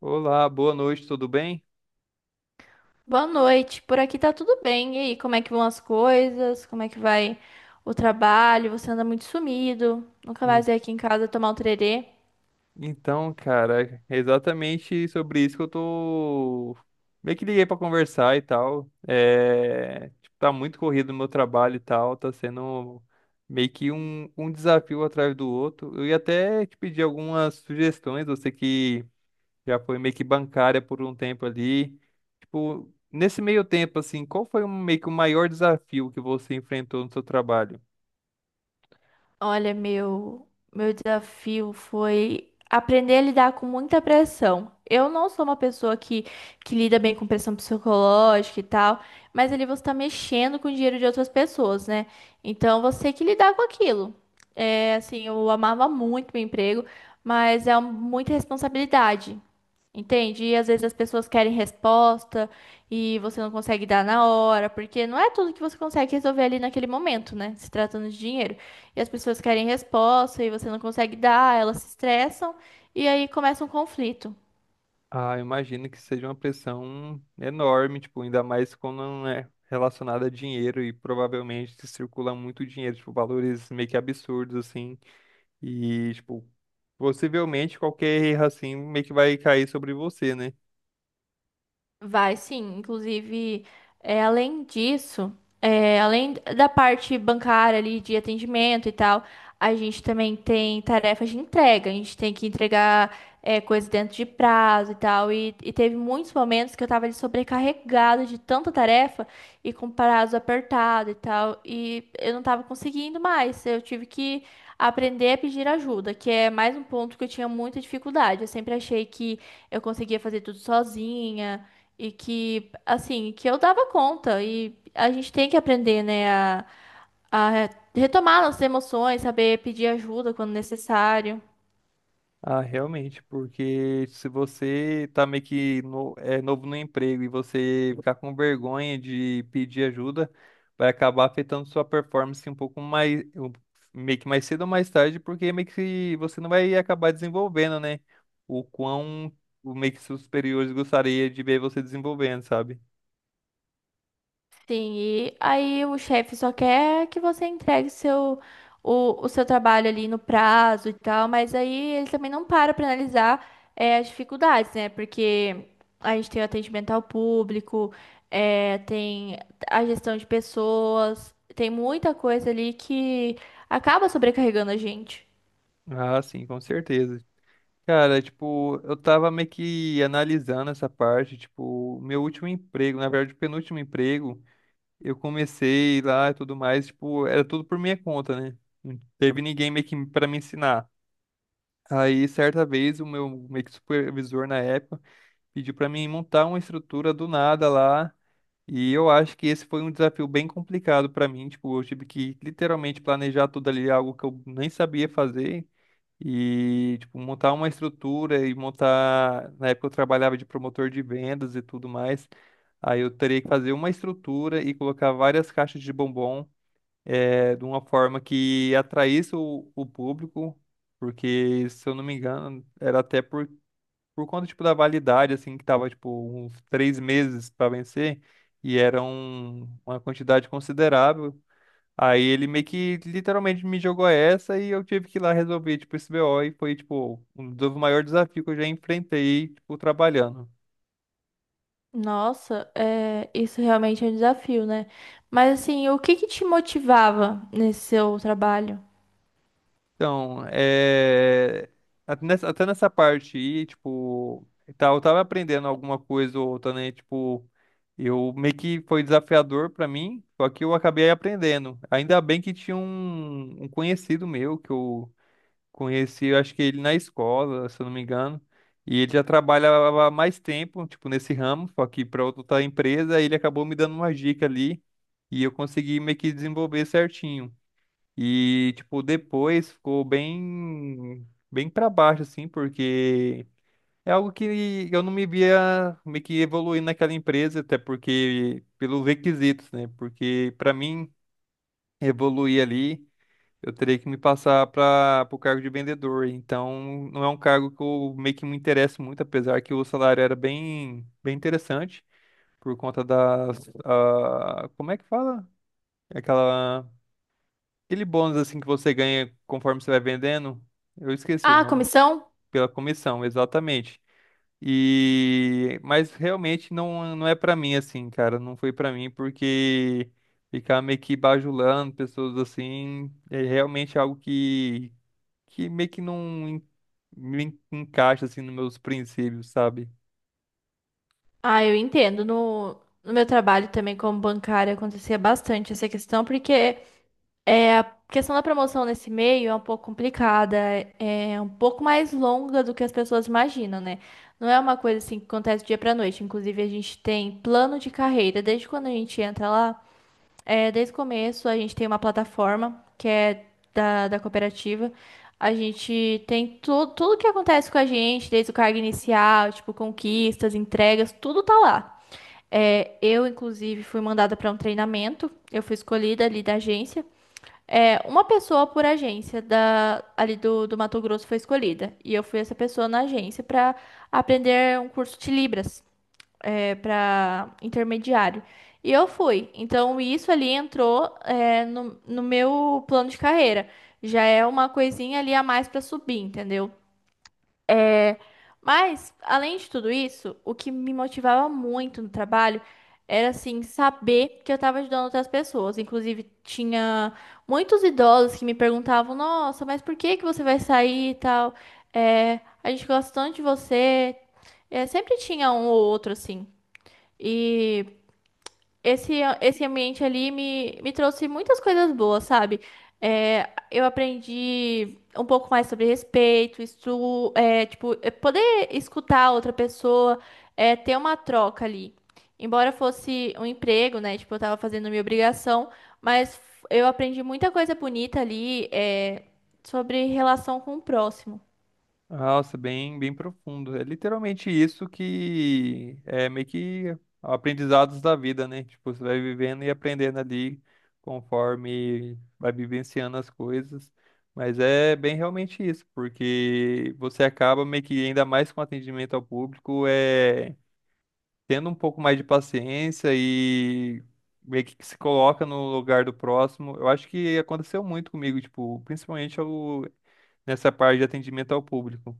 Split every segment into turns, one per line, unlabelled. Olá, boa noite, tudo bem?
Boa noite. Por aqui tá tudo bem. E aí, como é que vão as coisas? Como é que vai o trabalho? Você anda muito sumido. Nunca
E-
mais veio aqui em casa tomar um tererê.
Então, cara, é exatamente sobre isso que eu tô meio que liguei pra conversar e tal. É, tipo, tá muito corrido o meu trabalho e tal, tá sendo meio que um desafio um atrás do outro. Eu ia até te pedir algumas sugestões, você que já foi meio que bancária por um tempo ali. Tipo, nesse meio tempo, assim, qual foi meio que o maior desafio que você enfrentou no seu trabalho?
Olha, meu desafio foi aprender a lidar com muita pressão. Eu não sou uma pessoa que lida bem com pressão psicológica e tal, mas ali você tá mexendo com o dinheiro de outras pessoas, né? Então você tem que lidar com aquilo. É, assim, eu amava muito meu emprego, mas muita responsabilidade. Entende? E às vezes as pessoas querem resposta e você não consegue dar na hora, porque não é tudo que você consegue resolver ali naquele momento, né? Se tratando de dinheiro. E as pessoas querem resposta e você não consegue dar, elas se estressam e aí começa um conflito.
Ah, eu imagino que seja uma pressão enorme, tipo, ainda mais quando não é relacionada a dinheiro e provavelmente se circula muito dinheiro, tipo, valores meio que absurdos, assim, e, tipo, possivelmente qualquer erro, assim, meio que vai cair sobre você, né?
Vai, sim. Inclusive, é, além disso, é, além da parte bancária ali de atendimento e tal, a gente também tem tarefas de entrega. A gente tem que entregar, é, coisas dentro de prazo e tal. E teve muitos momentos que eu tava ali sobrecarregada de tanta tarefa e com prazo apertado e tal. E eu não tava conseguindo mais. Eu tive que aprender a pedir ajuda, que é mais um ponto que eu tinha muita dificuldade. Eu sempre achei que eu conseguia fazer tudo sozinha e que, assim, que eu dava conta. E a gente tem que aprender, né, a retomar nossas emoções, saber pedir ajuda quando necessário.
Ah, realmente, porque se você tá meio que é novo no emprego e você ficar com vergonha de pedir ajuda, vai acabar afetando sua performance um pouco mais, meio que mais cedo ou mais tarde, porque meio que você não vai acabar desenvolvendo, né? O quão o meio que seus superiores gostaria de ver você desenvolvendo, sabe?
Sim, e aí o chefe só quer que você entregue o seu trabalho ali no prazo e tal, mas aí ele também não para para analisar, as dificuldades, né? Porque a gente tem o atendimento ao público, tem a gestão de pessoas, tem muita coisa ali que acaba sobrecarregando a gente.
Ah, sim, com certeza. Cara, tipo, eu tava meio que analisando essa parte, tipo, meu último emprego, na verdade, o penúltimo emprego. Eu comecei lá e tudo mais, tipo, era tudo por minha conta, né? Não teve ninguém meio que para me ensinar. Aí, certa vez, o meu meio que supervisor na época pediu para mim montar uma estrutura do nada lá. E eu acho que esse foi um desafio bem complicado para mim. Tipo, eu tive que literalmente planejar tudo ali, algo que eu nem sabia fazer. E, tipo, montar uma estrutura e montar. Na época eu trabalhava de promotor de vendas e tudo mais. Aí eu teria que fazer uma estrutura e colocar várias caixas de bombom de uma forma que atraísse o público, porque, se eu não me engano, era até por conta, tipo, da validade, assim, que tava, tipo, uns três meses para vencer, e era uma quantidade considerável. Aí ele meio que literalmente me jogou essa e eu tive que ir lá resolver, tipo, esse BO e foi, tipo, um dos maiores desafios que eu já enfrentei, tipo, trabalhando.
Nossa, é, isso realmente é um desafio, né? Mas assim, o que que te motivava nesse seu trabalho?
Então, até nessa parte aí, tipo, e tal, eu tava aprendendo alguma coisa ou outra, né? Tipo, eu meio que foi desafiador pra mim, só que eu acabei aprendendo. Ainda bem que tinha um conhecido meu que eu conheci, eu acho que ele na escola, se eu não me engano. E ele já trabalhava há mais tempo, tipo, nesse ramo, só que para outra empresa, ele acabou me dando uma dica ali e eu consegui meio que desenvolver certinho. E, tipo, depois ficou bem, bem para baixo, assim, porque é algo que eu não me via meio que evoluindo naquela empresa, até porque, pelos requisitos, né? Porque, para mim, evoluir ali. Eu teria que me passar para o cargo de vendedor. Então, não é um cargo que eu meio que me interesso muito, apesar que o salário era bem, bem interessante, por conta das. Ah, como é que fala? Aquela, aquele bônus assim que você ganha conforme você vai vendendo. Eu esqueci o
Ah,
nome.
comissão?
Pela comissão, exatamente. E, mas realmente não, não é para mim assim, cara. Não foi para mim porque ficar meio que bajulando pessoas assim é realmente algo que meio que não en- me encaixa assim nos meus princípios, sabe?
Ah, eu entendo. No, no meu trabalho também como bancária acontecia bastante essa questão, porque é, a questão da promoção nesse meio é um pouco complicada, é um pouco mais longa do que as pessoas imaginam, né? Não é uma coisa assim que acontece do dia para noite. Inclusive, a gente tem plano de carreira. Desde quando a gente entra lá, é, desde o começo, a gente tem uma plataforma que é da cooperativa. A gente tem tudo, tudo que acontece com a gente, desde o cargo inicial, tipo, conquistas, entregas, tudo tá lá. É, eu, inclusive, fui mandada para um treinamento. Eu fui escolhida ali da agência. É, uma pessoa por agência da, ali do Mato Grosso foi escolhida. E eu fui essa pessoa na agência para aprender um curso de Libras, é, para intermediário. E eu fui. Então, isso ali entrou, é, no meu plano de carreira. Já é uma coisinha ali a mais para subir, entendeu? Mas, além de tudo isso, o que me motivava muito no trabalho era, assim, saber que eu estava ajudando outras pessoas. Inclusive, tinha muitos idosos que me perguntavam: Nossa, mas por que que você vai sair e tal? É, a gente gosta tanto de você. É, sempre tinha um ou outro, assim. E esse ambiente ali me trouxe muitas coisas boas, sabe? É, eu aprendi um pouco mais sobre respeito, isso, é, tipo, é poder escutar a outra pessoa, é, ter uma troca ali. Embora fosse um emprego, né? Tipo, eu tava fazendo minha obrigação, mas eu aprendi muita coisa bonita ali, é, sobre relação com o próximo.
Nossa, bem, bem profundo. É literalmente isso que é meio que aprendizados da vida, né? Tipo, você vai vivendo e aprendendo ali conforme vai vivenciando as coisas. Mas é bem realmente isso, porque você acaba meio que ainda mais com atendimento ao público, tendo um pouco mais de paciência e meio que se coloca no lugar do próximo. Eu acho que aconteceu muito comigo, tipo, principalmente nessa parte de atendimento ao público.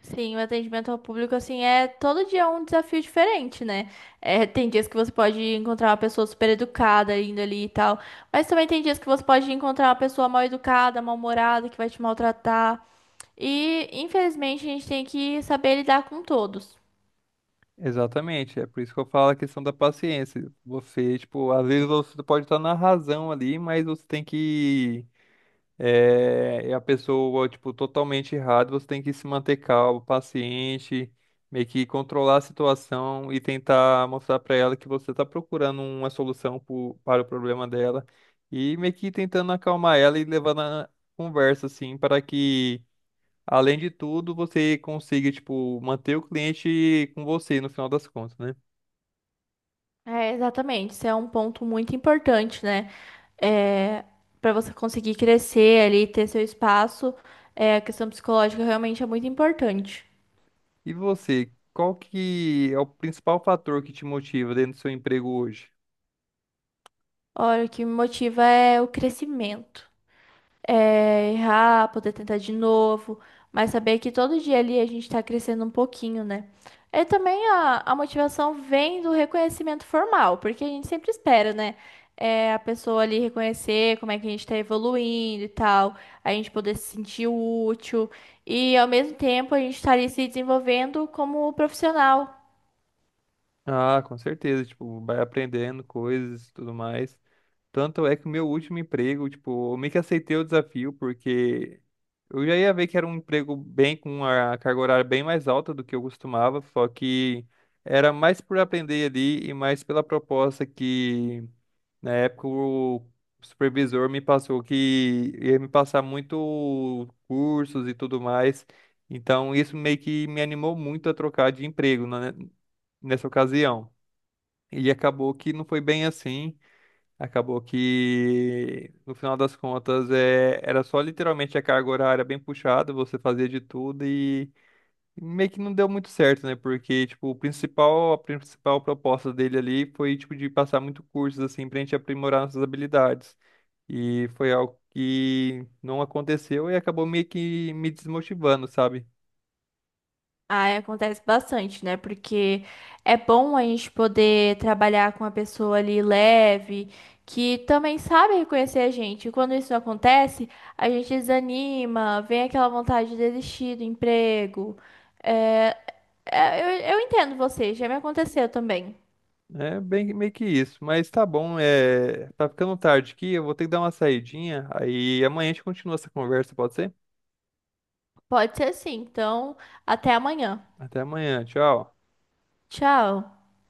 Sim, o atendimento ao público, assim, é todo dia é um desafio diferente, né? É, tem dias que você pode encontrar uma pessoa super educada indo ali e tal, mas também tem dias que você pode encontrar uma pessoa mal educada, mal-humorada, que vai te maltratar. E, infelizmente, a gente tem que saber lidar com todos.
Exatamente, é por isso que eu falo a questão da paciência. Você, tipo, às vezes você pode estar na razão ali, mas você tem que e a pessoa, tipo, totalmente errada, você tem que se manter calmo, paciente, meio que controlar a situação e tentar mostrar para ela que você está procurando uma solução para o problema dela e meio que tentando acalmar ela e levando a conversa, assim, para que, além de tudo, você consiga, tipo, manter o cliente com você no final das contas, né?
É, exatamente, isso é um ponto muito importante, né? É, para você conseguir crescer ali, ter seu espaço, é, a questão psicológica realmente é muito importante.
E você, qual que é o principal fator que te motiva dentro do seu emprego hoje?
Olha, o que me motiva é o crescimento. É, errar, poder tentar de novo, mas saber que todo dia ali a gente está crescendo um pouquinho, né? E também a motivação vem do reconhecimento formal, porque a gente sempre espera, né? É, a pessoa ali reconhecer como é que a gente está evoluindo e tal, a gente poder se sentir útil e ao mesmo tempo a gente estar ali se desenvolvendo como profissional.
Ah, com certeza, tipo, vai aprendendo coisas e tudo mais. Tanto é que o meu último emprego, tipo, eu meio que aceitei o desafio, porque eu já ia ver que era um emprego bem com a carga horária bem mais alta do que eu costumava, só que era mais por aprender ali e mais pela proposta que na época o supervisor me passou que ia me passar muito cursos e tudo mais. Então isso meio que me animou muito a trocar de emprego, né, nessa ocasião. E acabou que não foi bem assim. Acabou que, no final das contas, era só literalmente a carga horária bem puxada, você fazia de tudo e meio que não deu muito certo, né? Porque, tipo, a principal proposta dele ali foi, tipo, de passar muito cursos, assim, pra gente aprimorar nossas habilidades. E foi algo que não aconteceu e acabou meio que me desmotivando, sabe?
Ah, acontece bastante, né? Porque é bom a gente poder trabalhar com uma pessoa ali leve, que também sabe reconhecer a gente. E quando isso não acontece, a gente desanima, vem aquela vontade de desistir do emprego. É, eu entendo você, já me aconteceu também.
É bem, meio que isso. Mas tá bom, tá ficando tarde aqui, eu vou ter que dar uma saidinha. Aí amanhã a gente continua essa conversa, pode ser?
Pode ser assim, então até amanhã.
Até amanhã, tchau.
Tchau.